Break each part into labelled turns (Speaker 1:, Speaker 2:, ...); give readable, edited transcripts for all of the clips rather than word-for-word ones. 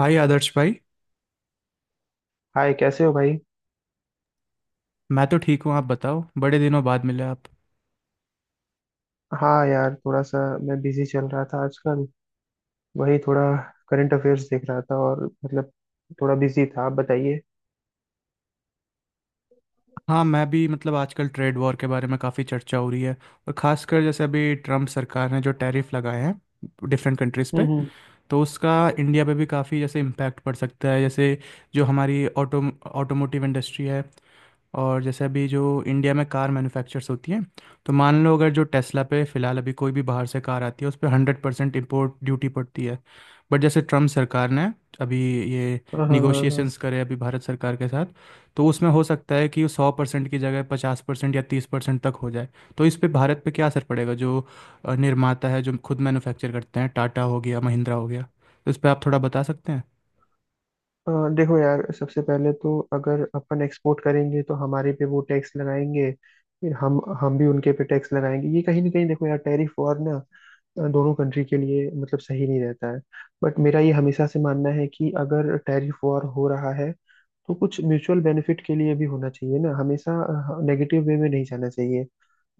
Speaker 1: हाय आदर्श भाई।
Speaker 2: हाय, कैसे हो भाई।
Speaker 1: मैं तो ठीक हूँ, आप बताओ, बड़े दिनों बाद मिले आप।
Speaker 2: हाँ यार, थोड़ा सा मैं बिजी चल रहा था आजकल। वही थोड़ा करंट अफेयर्स देख रहा था और मतलब थोड़ा बिजी था। आप बताइए।
Speaker 1: हाँ, मैं भी मतलब आजकल ट्रेड वॉर के बारे में काफ़ी चर्चा हो रही है, और खासकर जैसे अभी ट्रम्प सरकार ने जो टैरिफ लगाए हैं डिफरेंट कंट्रीज़ पे।
Speaker 2: हम्म।
Speaker 1: तो उसका इंडिया पे भी काफ़ी जैसे इम्पैक्ट पड़ सकता है। जैसे जो हमारी ऑटोमोटिव इंडस्ट्री है, और जैसे अभी जो इंडिया में कार मैन्युफैक्चर्स होती हैं, तो मान लो अगर जो टेस्ला पे फ़िलहाल अभी कोई भी बाहर से कार आती है उस पर 100% इम्पोर्ट ड्यूटी पड़ती है। बट जैसे ट्रम्प सरकार ने अभी ये
Speaker 2: हाँ हाँ हाँ हाँ।
Speaker 1: निगोशिएशंस करे अभी भारत सरकार के साथ, तो उसमें हो सकता है कि 100% की जगह 50% या 30% तक हो जाए। तो इस पे भारत पे क्या असर पड़ेगा जो निर्माता है, जो खुद मैन्युफैक्चर करते हैं, टाटा हो गया, महिंद्रा हो गया, तो इस पे आप थोड़ा बता सकते हैं।
Speaker 2: हाँ, देखो यार, सबसे पहले तो अगर अपन एक्सपोर्ट करेंगे तो हमारे पे वो टैक्स लगाएंगे। फिर हम भी उनके पे टैक्स लगाएंगे। ये कहीं ना कहीं, देखो यार, टैरिफ वॉर ना दोनों कंट्री के लिए मतलब सही नहीं रहता है। बट मेरा ये हमेशा से मानना है कि अगर टैरिफ वॉर हो रहा है तो कुछ म्यूचुअल बेनिफिट के लिए भी होना चाहिए ना हमेशा। नेगेटिव वे में नहीं जाना चाहिए।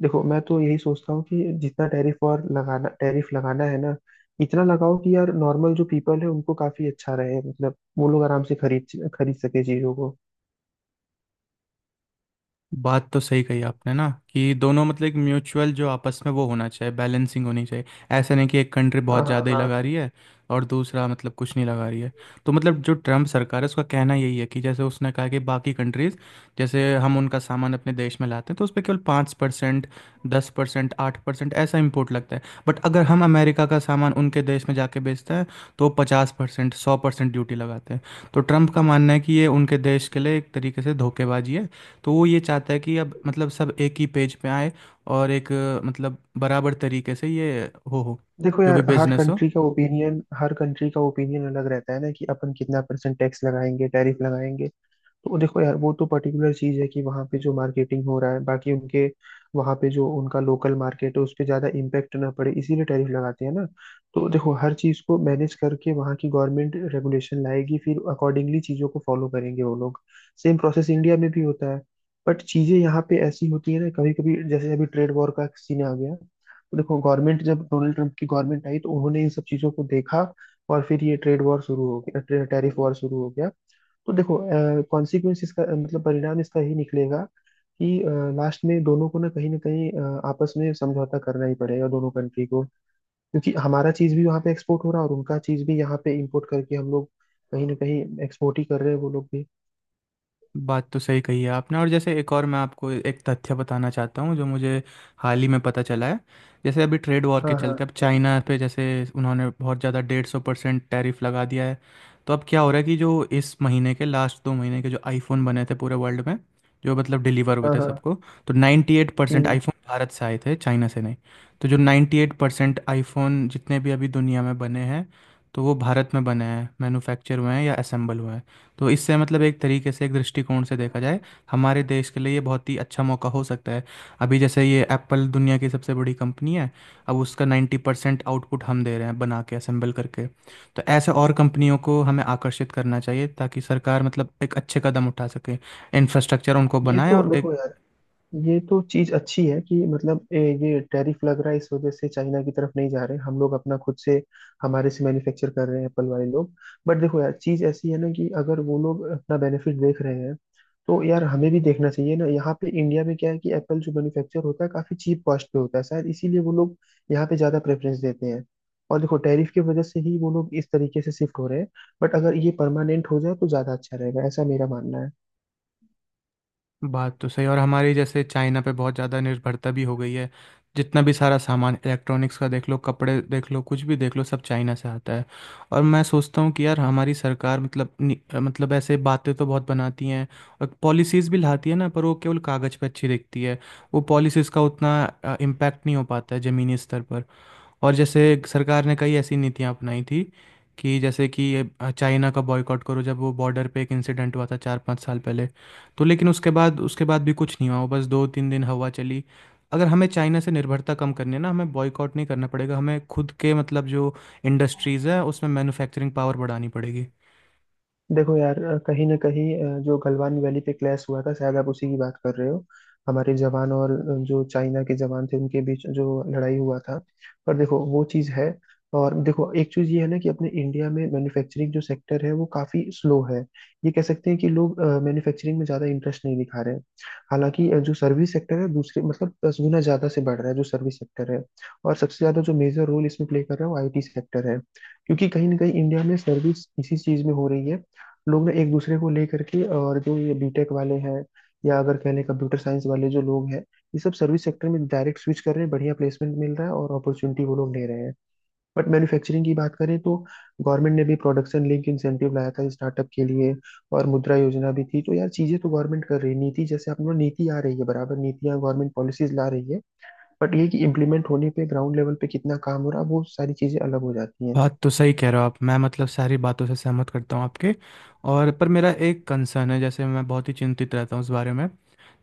Speaker 2: देखो, मैं तो यही सोचता हूँ कि जितना टैरिफ और लगाना टैरिफ लगाना है ना, इतना लगाओ कि यार नॉर्मल जो पीपल है उनको काफी अच्छा रहे, मतलब वो लोग आराम से खरीद खरीद सके चीजों को।
Speaker 1: बात तो सही कही आपने ना, कि दोनों मतलब एक म्यूचुअल जो आपस में वो होना चाहिए, बैलेंसिंग होनी चाहिए। ऐसा नहीं कि एक कंट्री
Speaker 2: हाँ
Speaker 1: बहुत
Speaker 2: हाँ
Speaker 1: ज़्यादा ही
Speaker 2: हाँ।
Speaker 1: लगा रही है और दूसरा मतलब कुछ नहीं लगा रही है। तो मतलब जो ट्रम्प सरकार है उसका कहना यही है कि जैसे उसने कहा कि बाकी कंट्रीज़ जैसे हम उनका सामान अपने देश में लाते हैं तो उस पर केवल 5%, 10%, 8% ऐसा इम्पोर्ट लगता है, बट अगर हम अमेरिका का सामान उनके देश में जाके बेचते हैं तो 50%, 100% ड्यूटी लगाते हैं। तो ट्रम्प का मानना है कि ये उनके देश के लिए एक तरीके से धोखेबाजी है। तो वो ये चाहता है कि अब मतलब सब एक ही पेज पे आए और एक मतलब बराबर तरीके से ये हो
Speaker 2: देखो
Speaker 1: जो भी
Speaker 2: यार, हर
Speaker 1: बिजनेस हो।
Speaker 2: कंट्री का ओपिनियन हर कंट्री का ओपिनियन अलग रहता है ना कि अपन कितना परसेंट टैक्स लगाएंगे, टैरिफ लगाएंगे। तो देखो यार वो तो पर्टिकुलर चीज है कि वहाँ पे जो मार्केटिंग हो रहा है, बाकी उनके वहाँ पे जो उनका लोकल मार्केट है उस पर ज्यादा इम्पेक्ट ना पड़े इसीलिए टैरिफ लगाते हैं ना। तो देखो हर चीज को मैनेज करके वहाँ की गवर्नमेंट रेगुलेशन लाएगी, फिर अकॉर्डिंगली चीजों को फॉलो करेंगे वो लोग। सेम प्रोसेस इंडिया में भी होता है। बट चीजें यहाँ पे ऐसी होती है ना कभी कभी, जैसे अभी ट्रेड वॉर का सीन आ गया तो देखो गवर्नमेंट, जब डोनाल्ड ट्रंप की गवर्नमेंट आई तो उन्होंने इन सब चीजों को देखा और फिर ये ट्रेड वॉर शुरू हो गया, टैरिफ वॉर शुरू हो गया। तो देखो, कॉन्सिक्वेंस इसका मतलब परिणाम इसका ही निकलेगा कि लास्ट में दोनों को ना कहीं आपस में समझौता करना ही पड़ेगा, दोनों कंट्री को। क्योंकि हमारा चीज भी वहाँ पे एक्सपोर्ट हो रहा है और उनका चीज भी यहाँ पे इंपोर्ट करके हम लोग कहीं ना कहीं एक्सपोर्ट ही कर रहे हैं, वो लोग भी।
Speaker 1: बात तो सही कही है आपने। और जैसे एक और मैं आपको एक तथ्य बताना चाहता हूँ जो मुझे हाल ही में पता चला है। जैसे अभी ट्रेड वॉर के
Speaker 2: हाँ
Speaker 1: चलते अब
Speaker 2: हाँ
Speaker 1: चाइना पे जैसे उन्होंने बहुत ज़्यादा 150% टैरिफ लगा दिया है। तो अब क्या हो रहा है कि जो इस महीने के लास्ट, दो महीने के जो आईफोन बने थे पूरे वर्ल्ड में, जो मतलब डिलीवर हुए
Speaker 2: हाँ
Speaker 1: थे
Speaker 2: हाँ।
Speaker 1: सबको, तो 98% एट परसेंट
Speaker 2: हम्म।
Speaker 1: आईफोन भारत से आए थे, चाइना से नहीं। तो जो 98% एट परसेंट आईफोन जितने भी अभी दुनिया में बने हैं, तो वो भारत में बने हैं, मैन्युफैक्चर हुए हैं या असेंबल हुए हैं। तो इससे मतलब एक तरीके से, एक दृष्टिकोण से देखा जाए, हमारे देश के लिए ये बहुत ही अच्छा मौका हो सकता है। अभी जैसे ये एप्पल दुनिया की सबसे बड़ी कंपनी है, अब उसका 90% आउटपुट हम दे रहे हैं, बना के असेंबल करके। तो ऐसे और कंपनियों को हमें आकर्षित करना चाहिए, ताकि सरकार मतलब एक अच्छे कदम उठा सके, इंफ्रास्ट्रक्चर उनको
Speaker 2: ये
Speaker 1: बनाए
Speaker 2: तो
Speaker 1: और एक।
Speaker 2: देखो यार, ये तो चीज अच्छी है कि मतलब ये टैरिफ लग रहा है इस वजह से चाइना की तरफ नहीं जा रहे हम लोग अपना, खुद से हमारे से मैन्युफैक्चर कर रहे हैं एप्पल वाले लोग। बट देखो यार चीज ऐसी है ना कि अगर वो लोग अपना बेनिफिट देख रहे हैं तो यार हमें भी देखना चाहिए ना। यहाँ पे इंडिया में क्या है कि एप्पल जो मैन्युफैक्चर होता है काफी चीप कॉस्ट पे होता है, शायद इसीलिए वो लोग यहाँ पे ज्यादा प्रेफरेंस देते हैं। और देखो टैरिफ की वजह से ही वो लोग इस तरीके से शिफ्ट हो रहे हैं। बट अगर ये परमानेंट हो जाए तो ज्यादा अच्छा रहेगा, ऐसा मेरा मानना है।
Speaker 1: बात तो सही। और हमारी जैसे चाइना पे बहुत ज़्यादा निर्भरता भी हो गई है। जितना भी सारा सामान, इलेक्ट्रॉनिक्स का देख लो, कपड़े देख लो, कुछ भी देख लो, सब चाइना से आता है। और मैं सोचता हूँ कि यार हमारी सरकार मतलब मतलब ऐसे बातें तो बहुत बनाती हैं, और पॉलिसीज़ भी लाती है ना, पर वो केवल कागज़ पे अच्छी दिखती है। वो पॉलिसीज़ का उतना इम्पैक्ट नहीं हो पाता है ज़मीनी स्तर पर। और जैसे सरकार ने कई ऐसी नीतियां अपनाई थी, कि जैसे कि ये चाइना का बॉयकॉट करो, जब वो बॉर्डर पे एक इंसिडेंट हुआ था 4 से 5 साल पहले। तो लेकिन उसके बाद, भी कुछ नहीं हुआ, वो बस 2 से 3 दिन हवा चली। अगर हमें चाइना से निर्भरता कम करनी है ना, हमें बॉयकॉट नहीं करना पड़ेगा, हमें खुद के मतलब जो इंडस्ट्रीज़ है उसमें मैन्युफैक्चरिंग पावर बढ़ानी पड़ेगी।
Speaker 2: देखो यार कहीं ना कहीं जो गलवान वैली पे क्लैश हुआ था शायद आप उसी की बात कर रहे हो। हमारे जवान और जो चाइना के जवान थे उनके बीच जो लड़ाई हुआ था। पर देखो वो चीज़ है। और देखो एक चीज़ ये है ना कि अपने इंडिया में मैन्युफैक्चरिंग जो सेक्टर है वो काफ़ी स्लो है। ये कह सकते हैं कि लोग मैन्युफैक्चरिंग में ज़्यादा इंटरेस्ट नहीं दिखा रहे हैं। हालांकि जो सर्विस सेक्टर है दूसरे मतलब 10 गुना ज़्यादा से बढ़ रहा है, जो सर्विस सेक्टर है। और सबसे ज़्यादा जो मेजर रोल इसमें प्ले कर रहा है वो आईटी सेक्टर है। क्योंकि कहीं ना कहीं इंडिया में सर्विस इसी चीज़ में हो रही है। लोग ना एक दूसरे को लेकर के, और जो ये बीटेक वाले हैं या अगर कह लें कंप्यूटर साइंस वाले जो लोग हैं ये सब सर्विस सेक्टर में डायरेक्ट स्विच कर रहे हैं, बढ़िया प्लेसमेंट मिल रहा है और अपॉर्चुनिटी वो लोग ले रहे हैं। बट मैन्युफैक्चरिंग की बात करें तो गवर्नमेंट ने भी प्रोडक्शन लिंक इंसेंटिव लाया था स्टार्टअप के लिए, और मुद्रा योजना भी थी। तो यार चीजें तो गवर्नमेंट कर रही है, नीति जैसे अपना नीति आ रही है बराबर, नीतियाँ गवर्नमेंट पॉलिसीज ला रही है। बट ये कि इम्प्लीमेंट होने पे ग्राउंड लेवल पे कितना काम हो रहा है वो सारी चीजें अलग हो जाती हैं।
Speaker 1: बात तो सही कह रहे हो आप, मैं मतलब सारी बातों से सहमत करता हूँ आपके। और पर मेरा एक कंसर्न है, जैसे मैं बहुत ही चिंतित रहता हूँ इस बारे में।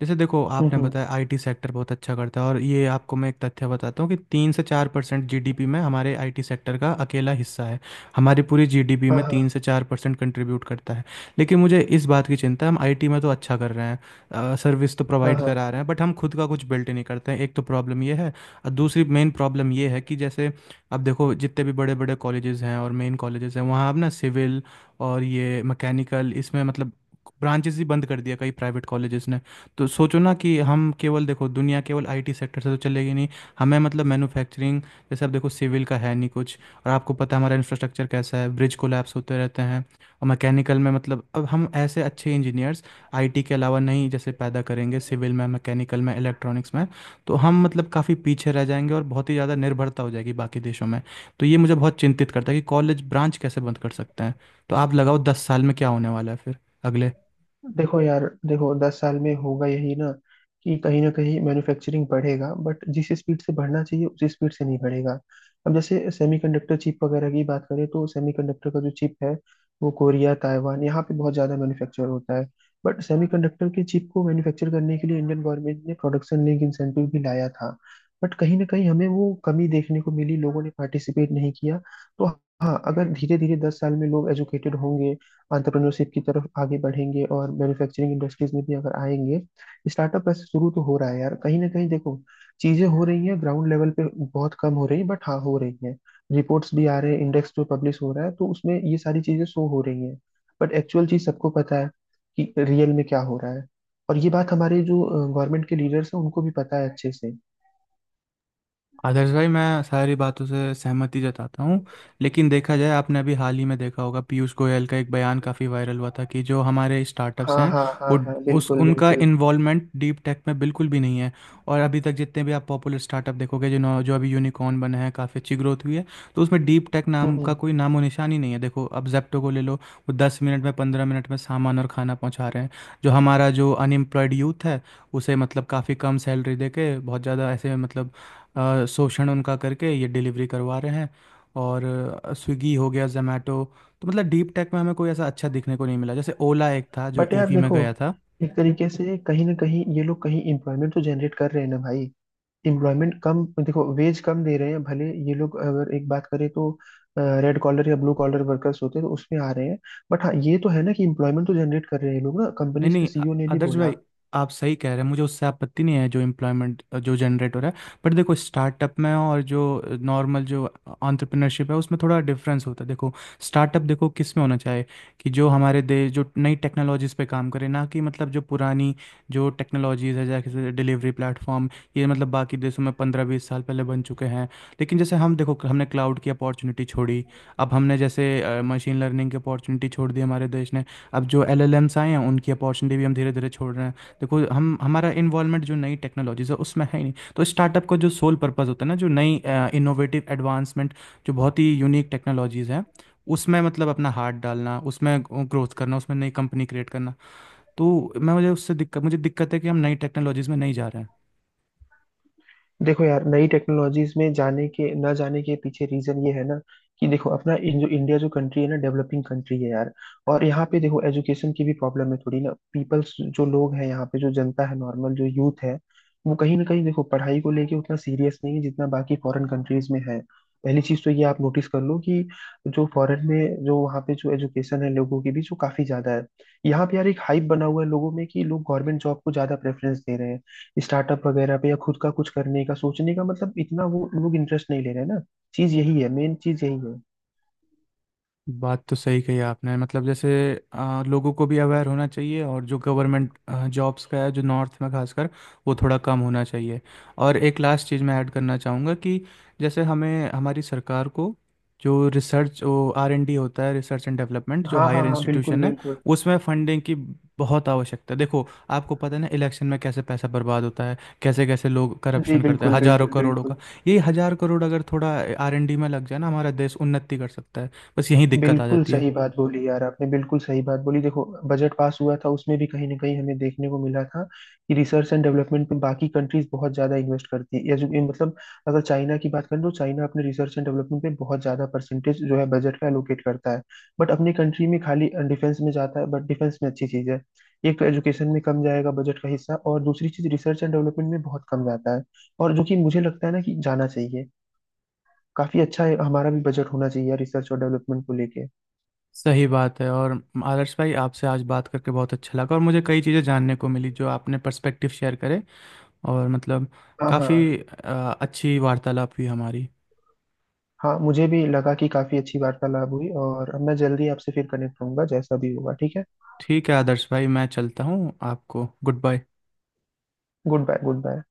Speaker 1: जैसे देखो आपने
Speaker 2: हम्म।
Speaker 1: बताया आईटी सेक्टर बहुत अच्छा करता है, और ये आपको मैं एक तथ्य बताता हूँ कि 3 से 4% जीडीपी में हमारे आईटी सेक्टर का अकेला हिस्सा है। हमारी पूरी जीडीपी
Speaker 2: हाँ
Speaker 1: में तीन
Speaker 2: हाँ
Speaker 1: से चार परसेंट कंट्रीब्यूट करता है। लेकिन मुझे इस बात की चिंता है, हम आईटी में तो अच्छा कर रहे हैं, सर्विस तो
Speaker 2: हाँ
Speaker 1: प्रोवाइड
Speaker 2: हाँ।
Speaker 1: करा रहे हैं, बट हम खुद का कुछ बिल्ट ही नहीं करते हैं, एक तो प्रॉब्लम ये है। और दूसरी मेन प्रॉब्लम ये है कि जैसे अब देखो जितने भी बड़े बड़े कॉलेजेस हैं और मेन कॉलेजेस हैं, वहाँ अब ना सिविल और ये मैकेनिकल, इसमें मतलब ब्रांचेस ही बंद कर दिया कई प्राइवेट कॉलेजेस ने। तो सोचो ना कि हम केवल, देखो, दुनिया केवल आईटी सेक्टर से तो चलेगी नहीं। हमें मतलब मैन्युफैक्चरिंग, जैसे अब देखो सिविल का है नहीं कुछ, और आपको पता है हमारा इंफ्रास्ट्रक्चर कैसा है, ब्रिज कोलैप्स होते रहते हैं। और मैकेनिकल में मतलब, अब हम ऐसे अच्छे इंजीनियर्स आईटी के अलावा नहीं जैसे पैदा करेंगे, सिविल में, मैकेनिकल में, इलेक्ट्रॉनिक्स में, तो हम मतलब काफ़ी पीछे रह जाएंगे और बहुत ही ज़्यादा निर्भरता हो जाएगी बाकी देशों में। तो ये मुझे बहुत चिंतित करता है कि कॉलेज ब्रांच कैसे बंद कर सकते हैं। तो आप लगाओ 10 साल में क्या होने वाला है फिर अगले।
Speaker 2: देखो यार, देखो 10 साल में होगा यही ना कि कहीं ना कहीं मैन्युफैक्चरिंग बढ़ेगा बट जिस स्पीड से बढ़ना चाहिए उसी स्पीड से नहीं बढ़ेगा। अब जैसे सेमीकंडक्टर चिप वगैरह की बात करें तो सेमीकंडक्टर का जो चिप है वो कोरिया, ताइवान, यहाँ पे बहुत ज़्यादा मैन्युफैक्चर होता है। बट सेमीकंडक्टर के चिप को मैन्युफैक्चर करने के लिए इंडियन गवर्नमेंट ने प्रोडक्शन लिंक इंसेंटिव भी लाया था। बट कहीं ना कहीं हमें वो कमी देखने को मिली, लोगों ने पार्टिसिपेट नहीं किया। तो हाँ, अगर धीरे धीरे 10 साल में लोग एजुकेटेड होंगे, एंटरप्रेन्योरशिप की तरफ आगे बढ़ेंगे और मैन्युफैक्चरिंग इंडस्ट्रीज में भी अगर आएंगे। स्टार्टअप वैसे शुरू तो हो रहा है यार, कहीं ना कहीं। देखो चीजें हो रही हैं ग्राउंड लेवल पे, बहुत कम हो रही है बट हाँ हो रही हैं। रिपोर्ट्स भी आ रहे हैं, इंडेक्स जो पब्लिश हो रहा है तो उसमें ये सारी चीजें शो हो रही हैं। बट एक्चुअल चीज सबको पता है कि रियल में क्या हो रहा है। और ये बात हमारे जो गवर्नमेंट के लीडर्स हैं उनको भी पता है अच्छे से।
Speaker 1: आदर्श भाई, मैं सारी बातों से सहमति जताता हूँ, लेकिन देखा जाए आपने अभी हाल ही में देखा होगा पीयूष गोयल का एक बयान काफ़ी वायरल हुआ था, कि जो हमारे स्टार्टअप्स
Speaker 2: हाँ
Speaker 1: हैं
Speaker 2: हाँ हाँ
Speaker 1: वो
Speaker 2: हाँ,
Speaker 1: उस
Speaker 2: बिल्कुल
Speaker 1: उनका
Speaker 2: बिल्कुल।
Speaker 1: इन्वॉल्वमेंट डीप टेक में बिल्कुल भी नहीं है। और अभी तक जितने भी आप पॉपुलर स्टार्टअप देखोगे जो जो अभी यूनिकॉर्न बने हैं, काफ़ी अच्छी ग्रोथ हुई है, तो उसमें डीप टेक नाम का
Speaker 2: हम्म।
Speaker 1: कोई नामो निशान ही नहीं है। देखो अब जेप्टो को ले लो, वो 10 मिनट में, 15 मिनट में सामान और खाना पहुंचा रहे हैं। जो हमारा जो अनएम्प्लॉयड यूथ है उसे मतलब काफ़ी कम सैलरी दे के, बहुत ज़्यादा ऐसे मतलब शोषण उनका करके ये डिलीवरी करवा रहे हैं। और स्विगी हो गया, जोमेटो। तो मतलब डीप टेक में हमें कोई ऐसा अच्छा दिखने को नहीं मिला, जैसे ओला एक था जो
Speaker 2: बट यार
Speaker 1: ईवी में
Speaker 2: देखो,
Speaker 1: गया था।
Speaker 2: एक तरीके से कहीं ना कहीं ये लोग कहीं एम्प्लॉयमेंट तो जनरेट कर रहे हैं ना भाई। एम्प्लॉयमेंट कम, देखो वेज कम दे रहे हैं भले ये लोग, अगर एक बात करें तो रेड कॉलर या ब्लू कॉलर वर्कर्स होते हैं तो उसमें आ रहे हैं। बट हाँ ये तो है ना कि एम्प्लॉयमेंट तो जनरेट कर रहे हैं ये लोग ना,
Speaker 1: नहीं
Speaker 2: कंपनीज के
Speaker 1: नहीं,
Speaker 2: सीईओ ने भी
Speaker 1: आदर्श
Speaker 2: बोला।
Speaker 1: भाई, आप सही कह रहे हैं, मुझे उससे आपत्ति नहीं है जो एम्प्लॉयमेंट जो जनरेट हो रहा है। बट देखो स्टार्टअप में और जो नॉर्मल जो एंटरप्रेन्योरशिप है, उसमें थोड़ा डिफरेंस होता है। देखो स्टार्टअप देखो किस में होना चाहिए, कि जो हमारे देश जो नई टेक्नोलॉजीज पे काम करे, ना कि मतलब जो पुरानी जो टेक्नोलॉजीज है जैसे डिलीवरी प्लेटफॉर्म। ये मतलब बाकी देशों में 15 से 20 साल पहले बन चुके हैं। लेकिन जैसे हम देखो, हमने क्लाउड की अपॉर्चुनिटी छोड़ी, अब हमने जैसे मशीन लर्निंग की अपॉर्चुनिटी छोड़ दी हमारे देश ने, अब जो एलएलएम्स आए हैं उनकी अपॉर्चुनिटी भी हम धीरे धीरे छोड़ रहे हैं। देखो हम हमारा इन्वॉल्वमेंट जो नई टेक्नोलॉजीज है उसमें है ही नहीं, तो स्टार्टअप का जो सोल पर्पस होता है ना, जो नई इनोवेटिव एडवांसमेंट, जो बहुत ही यूनिक टेक्नोलॉजीज हैं, उसमें मतलब अपना हाथ डालना, उसमें ग्रोथ करना, उसमें नई कंपनी क्रिएट करना, तो मैं मुझे उससे दिक्कत मुझे दिक्कत है कि हम नई टेक्नोलॉजीज में नहीं जा रहे हैं।
Speaker 2: देखो यार, नई टेक्नोलॉजीज में जाने के ना जाने के पीछे रीजन ये है ना कि देखो अपना जो इंडिया, जो कंट्री है ना, डेवलपिंग कंट्री है यार। और यहाँ पे देखो एजुकेशन की भी प्रॉब्लम है थोड़ी ना, पीपल्स जो लोग हैं यहाँ पे, जो जनता है, नॉर्मल जो यूथ है वो कहीं ना कहीं देखो पढ़ाई को लेके उतना सीरियस नहीं है जितना बाकी फॉरेन कंट्रीज में है। पहली चीज तो ये आप नोटिस कर लो कि जो फॉरेन में, जो वहाँ पे जो एजुकेशन है लोगों की भी, जो काफी ज्यादा है। यहाँ पे यार एक हाइप बना हुआ है लोगों में कि लोग गवर्नमेंट जॉब को ज्यादा प्रेफरेंस दे रहे हैं, स्टार्टअप वगैरह पे या खुद का कुछ करने का सोचने का मतलब इतना वो लोग इंटरेस्ट नहीं ले रहे हैं ना। चीज यही है, मेन चीज यही है।
Speaker 1: बात तो सही कही आपने, मतलब जैसे लोगों को भी अवेयर होना चाहिए, और जो गवर्नमेंट जॉब्स का है जो नॉर्थ में खासकर, वो थोड़ा कम होना चाहिए। और एक लास्ट चीज़ मैं ऐड करना चाहूँगा कि जैसे हमें हमारी सरकार को जो रिसर्च वो R&D होता है, रिसर्च एंड डेवलपमेंट, जो
Speaker 2: हाँ हाँ
Speaker 1: हायर
Speaker 2: हाँ, बिल्कुल
Speaker 1: इंस्टीट्यूशन है
Speaker 2: बिल्कुल।
Speaker 1: उसमें फंडिंग की बहुत आवश्यकता है। देखो, आपको पता है ना इलेक्शन में कैसे पैसा बर्बाद होता है, कैसे कैसे लोग
Speaker 2: जी
Speaker 1: करप्शन करते हैं
Speaker 2: बिल्कुल
Speaker 1: हजारों
Speaker 2: बिल्कुल
Speaker 1: करोड़ों का।
Speaker 2: बिल्कुल।
Speaker 1: ये हजार करोड़ अगर थोड़ा R&D में लग जाए ना, हमारा देश उन्नति कर सकता है। बस यही दिक्कत आ
Speaker 2: बिल्कुल
Speaker 1: जाती है।
Speaker 2: सही बात बोली यार आपने, बिल्कुल सही बात बोली। देखो बजट पास हुआ था, उसमें भी कहीं ना कहीं हमें देखने को मिला था कि रिसर्च एंड डेवलपमेंट पे बाकी कंट्रीज बहुत ज्यादा इन्वेस्ट करती है। या जो ये मतलब, अगर चाइना की बात करें तो चाइना अपने रिसर्च एंड डेवलपमेंट पे बहुत ज्यादा परसेंटेज, जो है बजट का, एलोकेट करता है। बट अपनी कंट्री में खाली डिफेंस में जाता है, बट डिफेंस में अच्छी चीज है। एक तो एजुकेशन में कम जाएगा बजट का हिस्सा, और दूसरी चीज रिसर्च एंड डेवलपमेंट में बहुत कम जाता है, और जो कि मुझे लगता है ना कि जाना चाहिए। काफी अच्छा है, हमारा भी बजट होना चाहिए रिसर्च और डेवलपमेंट को लेके।
Speaker 1: सही बात है। और आदर्श भाई, आपसे आज बात करके बहुत अच्छा लगा, और मुझे कई चीज़ें जानने को मिली, जो आपने पर्सपेक्टिव शेयर करे, और मतलब
Speaker 2: हाँ
Speaker 1: काफ़ी
Speaker 2: हाँ
Speaker 1: अच्छी वार्तालाप हुई हमारी।
Speaker 2: हाँ। मुझे भी लगा कि काफी अच्छी वार्तालाप हुई, और मैं जल्दी आपसे फिर कनेक्ट होऊंगा जैसा भी होगा, ठीक है।
Speaker 1: ठीक है आदर्श भाई, मैं चलता हूँ, आपको goodbye.
Speaker 2: Goodbye, good bye.